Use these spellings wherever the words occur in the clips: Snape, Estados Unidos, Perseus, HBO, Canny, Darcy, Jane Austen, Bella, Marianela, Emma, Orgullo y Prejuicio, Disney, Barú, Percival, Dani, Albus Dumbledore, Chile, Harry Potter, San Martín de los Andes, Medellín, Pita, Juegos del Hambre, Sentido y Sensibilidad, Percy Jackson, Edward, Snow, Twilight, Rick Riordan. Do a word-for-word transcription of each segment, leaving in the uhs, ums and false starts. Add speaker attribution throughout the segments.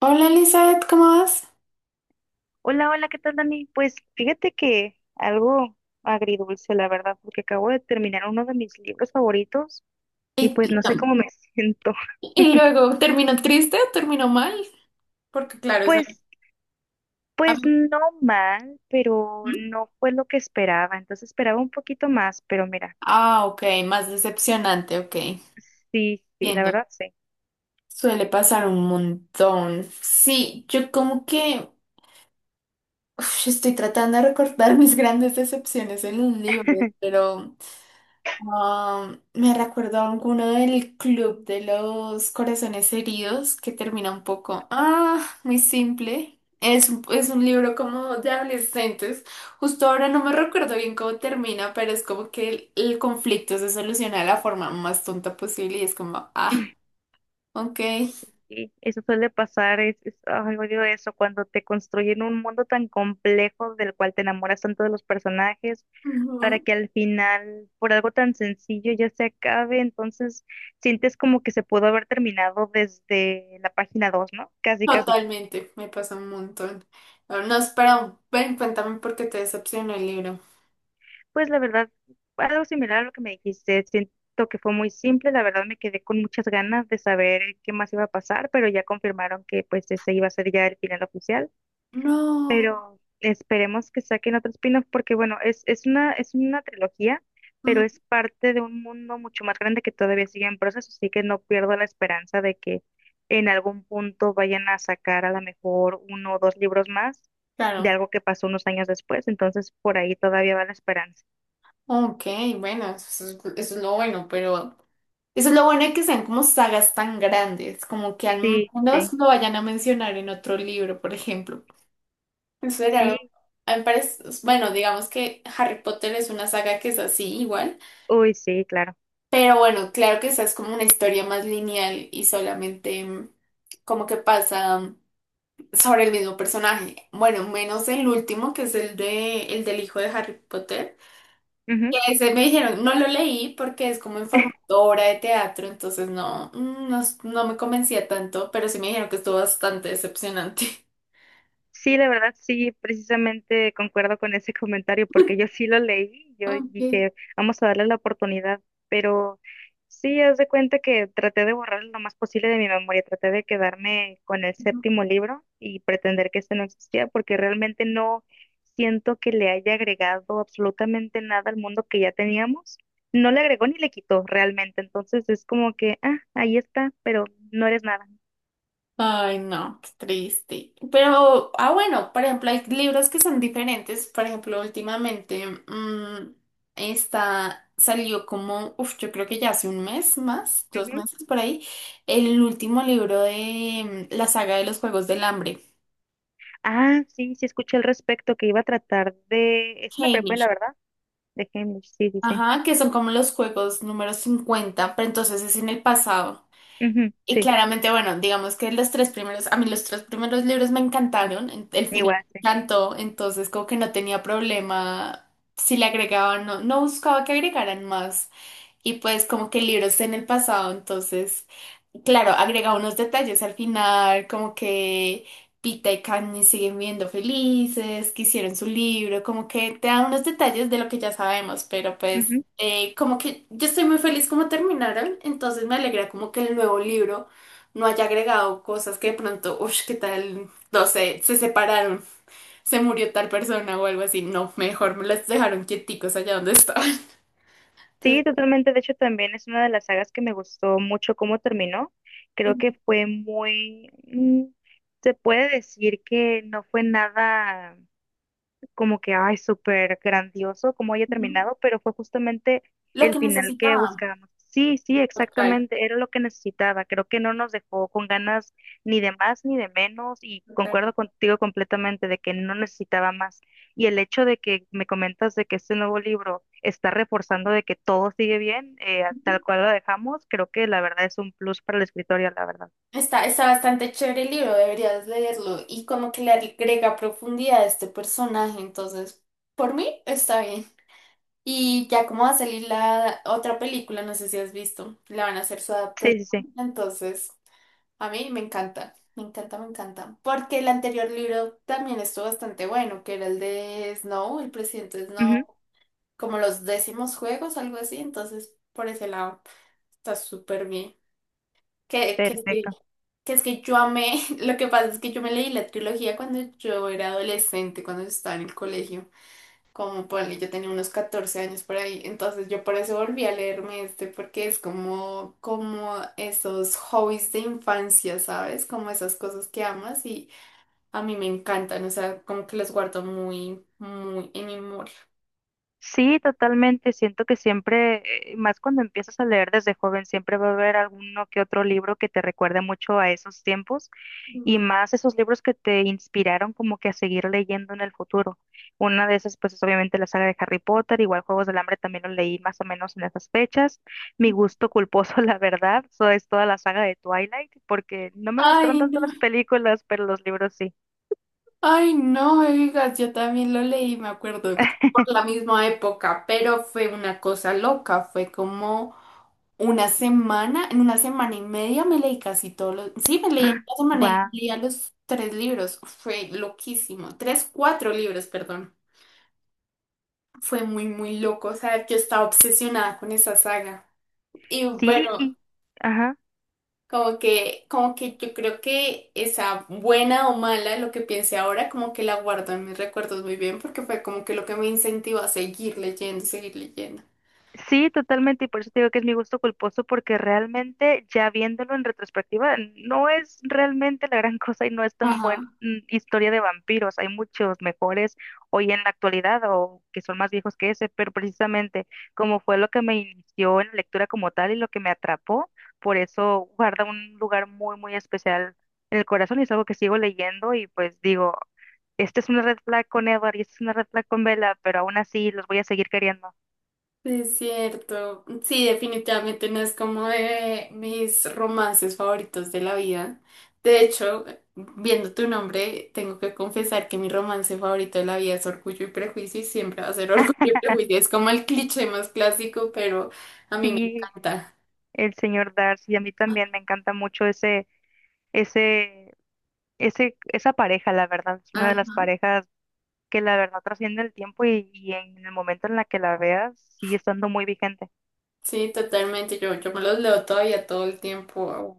Speaker 1: Hola Elizabeth, ¿cómo vas?
Speaker 2: Hola, hola, ¿qué tal, Dani? Pues fíjate que algo agridulce, la verdad, porque acabo de terminar uno de mis libros favoritos y
Speaker 1: Y,
Speaker 2: pues
Speaker 1: Y
Speaker 2: no sé cómo me siento.
Speaker 1: y luego, ¿terminó triste o terminó mal? Porque claro, es
Speaker 2: Pues,
Speaker 1: algo- a
Speaker 2: pues
Speaker 1: mí-
Speaker 2: no mal, pero
Speaker 1: ¿Mm?
Speaker 2: no fue lo que esperaba. Entonces esperaba un poquito más, pero mira,
Speaker 1: Ah, ok, más decepcionante, ok,
Speaker 2: sí, sí, la
Speaker 1: entiendo.
Speaker 2: verdad sí.
Speaker 1: Suele pasar un montón. Sí, yo como que uf, estoy tratando de recordar mis grandes decepciones en un libro, pero... Ah, me recuerdo a alguno del club de los corazones heridos que termina un poco, ah, muy simple. Es, un- es un libro como de adolescentes. Justo ahora no me recuerdo bien cómo termina, pero es como que el, el conflicto se soluciona de la forma más tonta posible y es como, ah, ok.
Speaker 2: Sí, eso suele pasar, es, es- ay, odio eso, cuando te construyen un mundo tan complejo del cual te enamoras tanto de los personajes para
Speaker 1: Ujú.
Speaker 2: que al final, por algo tan sencillo, ya se acabe. Entonces, sientes como que se pudo haber terminado desde la página dos, ¿no? Casi, casi.
Speaker 1: Totalmente, me pasa un montón. No, no, espera, ven, cuéntame por qué te decepcionó el libro.
Speaker 2: Pues la verdad, algo similar a lo que me dijiste, siento que fue muy simple, la verdad me quedé con muchas ganas de saber qué más iba a pasar, pero ya confirmaron que pues ese iba a ser ya el final oficial.
Speaker 1: No.
Speaker 2: Pero esperemos que saquen otro spin-off porque bueno, es, es una, es una trilogía, pero
Speaker 1: Ujú.
Speaker 2: es parte de un mundo mucho más grande que todavía sigue en proceso, así que no pierdo la esperanza de que en algún punto vayan a sacar a lo mejor uno o dos libros más de
Speaker 1: Claro.
Speaker 2: algo que pasó unos años después, entonces por ahí todavía va la esperanza.
Speaker 1: Ok, bueno, eso es, eso es lo bueno, pero eso es lo bueno de que sean como sagas tan grandes, como que al
Speaker 2: Sí,
Speaker 1: menos
Speaker 2: sí,
Speaker 1: lo vayan a mencionar en otro libro, por ejemplo. Eso era algo,
Speaker 2: sí,
Speaker 1: a mí me parece, bueno, digamos que Harry Potter es una saga que es así igual,
Speaker 2: uy, sí, claro.
Speaker 1: pero bueno, claro que esa es como una historia más lineal y solamente mm, como que pasa mm, sobre el mismo personaje. Bueno, menos el último, que es el de, el del hijo de Harry Potter. Ese me dijeron, no lo leí porque es como en formato obra de teatro, entonces no, mm, no, s- no me convencía tanto, pero sí me dijeron que estuvo bastante decepcionante.
Speaker 2: Sí, de verdad, sí, precisamente concuerdo con ese comentario porque yo sí lo leí, yo
Speaker 1: Ok.
Speaker 2: dije, vamos a darle la oportunidad, pero sí, haz de cuenta que traté de borrar lo más posible de mi memoria, traté de quedarme con el séptimo libro y pretender que este no existía porque realmente no siento que le haya agregado absolutamente nada al mundo que ya teníamos, no le agregó ni le quitó realmente, entonces es como que, ah, ahí está, pero no eres nada.
Speaker 1: Ay, no, qué triste. Pero, ah, bueno, por ejemplo, hay libros que son diferentes. Por ejemplo, últimamente mm, está, salió como, uf, yo creo que ya hace un mes más, dos meses por ahí, el último libro de mm, la saga de los Juegos del Hambre.
Speaker 2: Ah, sí, sí escuché al respecto que iba a tratar de... Es una precuela, ¿verdad? De Hamish, sí, sí, sí.
Speaker 1: Ajá, que son como los juegos número cincuenta pero entonces es en el pasado.
Speaker 2: Ujú,
Speaker 1: Y
Speaker 2: sí,
Speaker 1: claramente, bueno, digamos que los tres primeros, a mí los tres primeros libros me encantaron, en- el final
Speaker 2: igual,
Speaker 1: me
Speaker 2: sí.
Speaker 1: encantó, entonces como que no tenía problema si le agregaban, no, no buscaba que agregaran más y pues como que el libro está en el pasado, entonces, claro, agrega unos detalles al final, como que Pita y Canny siguen viendo felices, que hicieron su libro, como que te da unos detalles de lo que ya sabemos, pero pues
Speaker 2: Ujú.
Speaker 1: eh, como que yo estoy muy feliz como terminaron, entonces me alegra como que el nuevo libro no haya agregado cosas que de pronto, uff, qué tal, no sé, se separaron, se murió tal persona o algo así, no, mejor me las dejaron quieticos allá donde estaban.
Speaker 2: Sí, totalmente. De hecho, también es una de las sagas que me gustó mucho cómo terminó. Creo que fue muy... mm, se puede decir que no fue nada... como que, ay, súper grandioso cómo haya
Speaker 1: Entonces,
Speaker 2: terminado, pero fue justamente
Speaker 1: lo
Speaker 2: el
Speaker 1: que
Speaker 2: final que
Speaker 1: necesitaba.
Speaker 2: buscábamos. Sí, sí,
Speaker 1: Total.
Speaker 2: exactamente, era lo que necesitaba. Creo que no nos dejó con ganas ni de más ni de menos y concuerdo
Speaker 1: Total.
Speaker 2: contigo completamente de que no necesitaba más. Y el hecho de que me comentas de que este nuevo libro está reforzando de que todo sigue bien, eh, tal cual lo dejamos, creo que la verdad es un plus para la escritoria la verdad.
Speaker 1: Está, está bastante chévere el libro, deberías leerlo. Y como que le agrega profundidad a este personaje, entonces, por mí está bien. Y ya como va a salir la otra película, no sé si has visto, la van a hacer su
Speaker 2: Sí,
Speaker 1: adaptación.
Speaker 2: sí, sí.
Speaker 1: Entonces, a mí me encanta, me encanta, me encanta. Porque el anterior libro también estuvo bastante bueno, que era el de Snow, el presidente Snow,
Speaker 2: Ujú.
Speaker 1: como los décimos juegos, algo así. Entonces, por ese lado, está súper bien. Que, que, sí,
Speaker 2: Perfecto.
Speaker 1: que es que yo amé, lo que pasa es que yo me leí la trilogía cuando yo era adolescente, cuando estaba en el colegio, como ponle, yo tenía unos catorce años por ahí, entonces yo por eso volví a leerme este, porque es como, como esos hobbies de infancia, ¿sabes? Como esas cosas que amas y a mí me encantan, o sea, como que los guardo muy, muy en mi memoria.
Speaker 2: Sí, totalmente. Siento que siempre, eh, más cuando empiezas a leer desde joven, siempre va a haber alguno que otro libro que te recuerde mucho a esos tiempos y
Speaker 1: Ujú.
Speaker 2: más esos libros que te inspiraron como que a seguir leyendo en el futuro. Una de esas, pues es obviamente la saga de Harry Potter, igual Juegos del Hambre también lo leí más o menos en esas fechas. Mi gusto culposo, la verdad, so es toda la saga de Twilight, porque no me gustaron
Speaker 1: Ay,
Speaker 2: tanto
Speaker 1: no.
Speaker 2: las películas, pero los libros sí.
Speaker 1: Ay, no me digas, yo también lo leí, me acuerdo, como por la misma época, pero fue una cosa loca, fue como una semana, en una semana y media me leí casi todos los, sí, me leí en una semana y
Speaker 2: Guau.
Speaker 1: media los tres libros, fue loquísimo, tres, cuatro libros, perdón, fue muy, muy loco, o sea, yo estaba obsesionada con esa saga. Y
Speaker 2: Sí,
Speaker 1: bueno,
Speaker 2: y... ajá.
Speaker 1: como que, como que yo creo que esa buena o mala, lo que piense ahora, como que la guardo en mis recuerdos muy bien, porque fue como que lo que me incentivó a seguir leyendo y seguir leyendo.
Speaker 2: Sí, totalmente, y por eso te digo que es mi gusto culposo, porque realmente ya viéndolo en retrospectiva, no es realmente la gran cosa y no es tan buena
Speaker 1: Ajá.
Speaker 2: mm, historia de vampiros. Hay muchos mejores hoy en la actualidad o que son más viejos que ese, pero precisamente como fue lo que me inició en la lectura como tal y lo que me atrapó, por eso guarda un lugar muy, muy especial en el corazón y es algo que sigo leyendo y pues digo, esta es una red flag con Edward y esta es una red flag con Bella, pero aún así los voy a seguir queriendo.
Speaker 1: Sí, es cierto. Sí, definitivamente no es como de mis romances favoritos de la vida. De hecho, viendo tu nombre, tengo que confesar que mi romance favorito de la vida es Orgullo y Prejuicio y siempre va a ser Orgullo y Prejuicio. Es como el cliché más clásico, pero a mí me
Speaker 2: Sí,
Speaker 1: encanta.
Speaker 2: el señor Darcy. A mí también me encanta mucho ese, ese, ese, esa pareja, la verdad. Es una de las parejas que la verdad trasciende el tiempo y, y en el momento en la que la veas sigue estando muy vigente.
Speaker 1: Sí, totalmente. Yo, yo me los leo todavía todo el tiempo.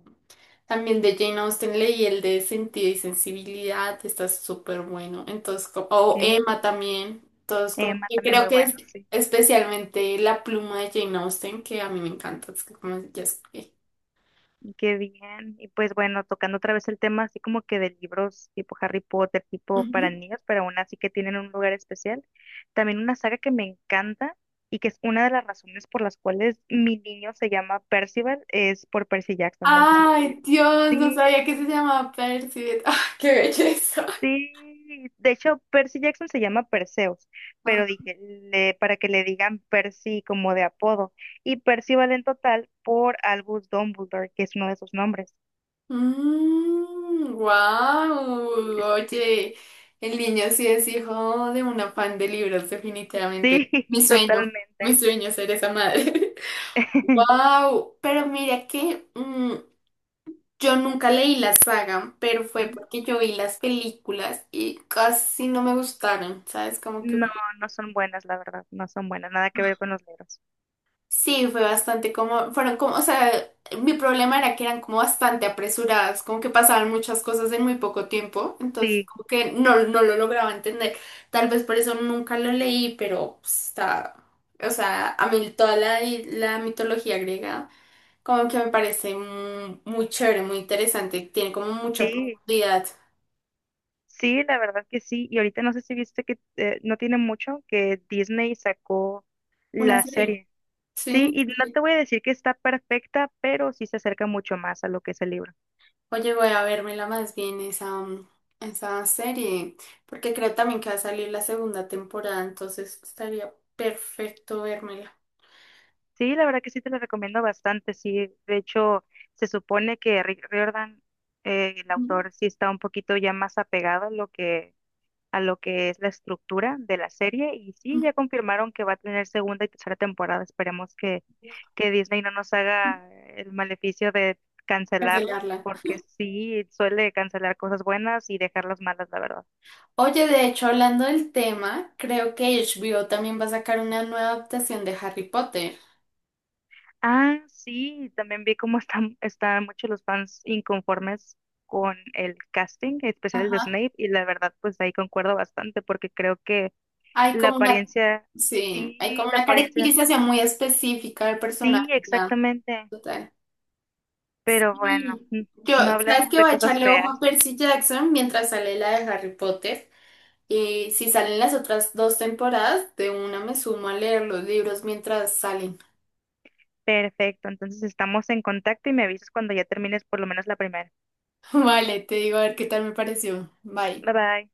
Speaker 1: También de Jane Austen leí el de Sentido y Sensibilidad, está súper bueno. Entonces, como, o
Speaker 2: Okay.
Speaker 1: Emma también. Entonces, como
Speaker 2: Emma
Speaker 1: que
Speaker 2: también muy
Speaker 1: creo que es
Speaker 2: bueno, sí.
Speaker 1: especialmente la pluma de Jane Austen que a mí me encanta. Es que como ya es- eh,
Speaker 2: Qué bien. Y pues bueno, tocando otra vez el tema así como que de libros tipo Harry Potter, tipo para
Speaker 1: ujú.
Speaker 2: niños, pero aún así que tienen un lugar especial. También una saga que me encanta y que es una de las razones por las cuales mi niño se llama Percival, es por Percy Jackson. No sé si lo.
Speaker 1: Ay, Dios, no sabía que se
Speaker 2: Sí,
Speaker 1: llamaba Percy. ¡Ah, qué belleza!
Speaker 2: sí. De hecho, Percy Jackson se llama Perseus, pero dije, le- para que le digan Percy como de apodo. Y Percy vale en total por Albus Dumbledore, que es uno de sus nombres.
Speaker 1: Mm, wow. Oye, el niño sí es hijo de un afán de libros, definitivamente.
Speaker 2: Sí,
Speaker 1: Mi sueño, mi
Speaker 2: totalmente.
Speaker 1: sueño es ser esa madre. Wow, pero mira que mm, yo nunca leí la saga, pero fue
Speaker 2: Ujú.
Speaker 1: porque yo vi las películas y casi no me gustaron, ¿sabes? Como que
Speaker 2: No, no son buenas, la verdad, no son buenas, nada que ver con los libros.
Speaker 1: sí, fue bastante como, fueron como, o sea, mi problema era que eran como bastante apresuradas, como que pasaban muchas cosas en muy poco tiempo, entonces
Speaker 2: Sí,
Speaker 1: como que no, no lo lograba entender. Tal vez por eso nunca lo leí, pero pues, está, o sea, a mí toda la, la mitología griega como que me parece mm, muy, chévere, muy interesante, tiene como mucha
Speaker 2: sí,
Speaker 1: profundidad.
Speaker 2: sí, la verdad que sí. Y ahorita no sé si viste que eh, no tiene mucho que Disney sacó
Speaker 1: Una
Speaker 2: la
Speaker 1: serie,
Speaker 2: serie. Sí,
Speaker 1: sí.
Speaker 2: y no te voy a decir que está perfecta, pero sí se acerca mucho más a lo que es el libro.
Speaker 1: Oye, voy a vérmela más bien esa, mm, esa serie, porque creo también que va a salir la segunda temporada, entonces estaría perfecto vérmela,
Speaker 2: Sí, la verdad que sí te la recomiendo bastante. Sí, de hecho, se supone que Rick Riordan, eh, el
Speaker 1: ujú.
Speaker 2: autor, sí está un poquito ya más apegado a lo que, a lo que es la estructura de la serie. Y sí,
Speaker 1: Mm,
Speaker 2: ya confirmaron que va a tener segunda y tercera temporada. Esperemos que, que Disney no nos haga el maleficio de cancelarla,
Speaker 1: cancelarla.
Speaker 2: porque sí suele cancelar cosas buenas y dejar las malas, la verdad.
Speaker 1: Oye, de hecho, hablando del tema, creo que H B O también va a sacar una nueva adaptación de Harry Potter.
Speaker 2: Ah, sí, también vi cómo están, están muchos los fans inconformes con el casting, en especial el de
Speaker 1: Ajá.
Speaker 2: Snape, y la verdad, pues ahí concuerdo bastante, porque creo que
Speaker 1: Hay
Speaker 2: la
Speaker 1: como una,
Speaker 2: apariencia,
Speaker 1: sí, hay
Speaker 2: sí,
Speaker 1: como
Speaker 2: la
Speaker 1: una
Speaker 2: apariencia,
Speaker 1: caracterización muy específica del
Speaker 2: sí,
Speaker 1: personaje, ya,
Speaker 2: exactamente,
Speaker 1: total.
Speaker 2: pero bueno,
Speaker 1: Sí.
Speaker 2: mm,
Speaker 1: Yo,
Speaker 2: no
Speaker 1: ¿sabes
Speaker 2: hablemos
Speaker 1: qué?
Speaker 2: de
Speaker 1: Voy a
Speaker 2: cosas
Speaker 1: echarle ojo
Speaker 2: feas.
Speaker 1: a Percy Jackson mientras sale la de Harry Potter. Y si salen las otras dos temporadas, de una me sumo a leer los libros mientras salen.
Speaker 2: Perfecto, entonces estamos en contacto y me avisas cuando ya termines por lo menos la primera.
Speaker 1: Vale, te digo a ver qué tal me pareció. Bye.
Speaker 2: Bye bye.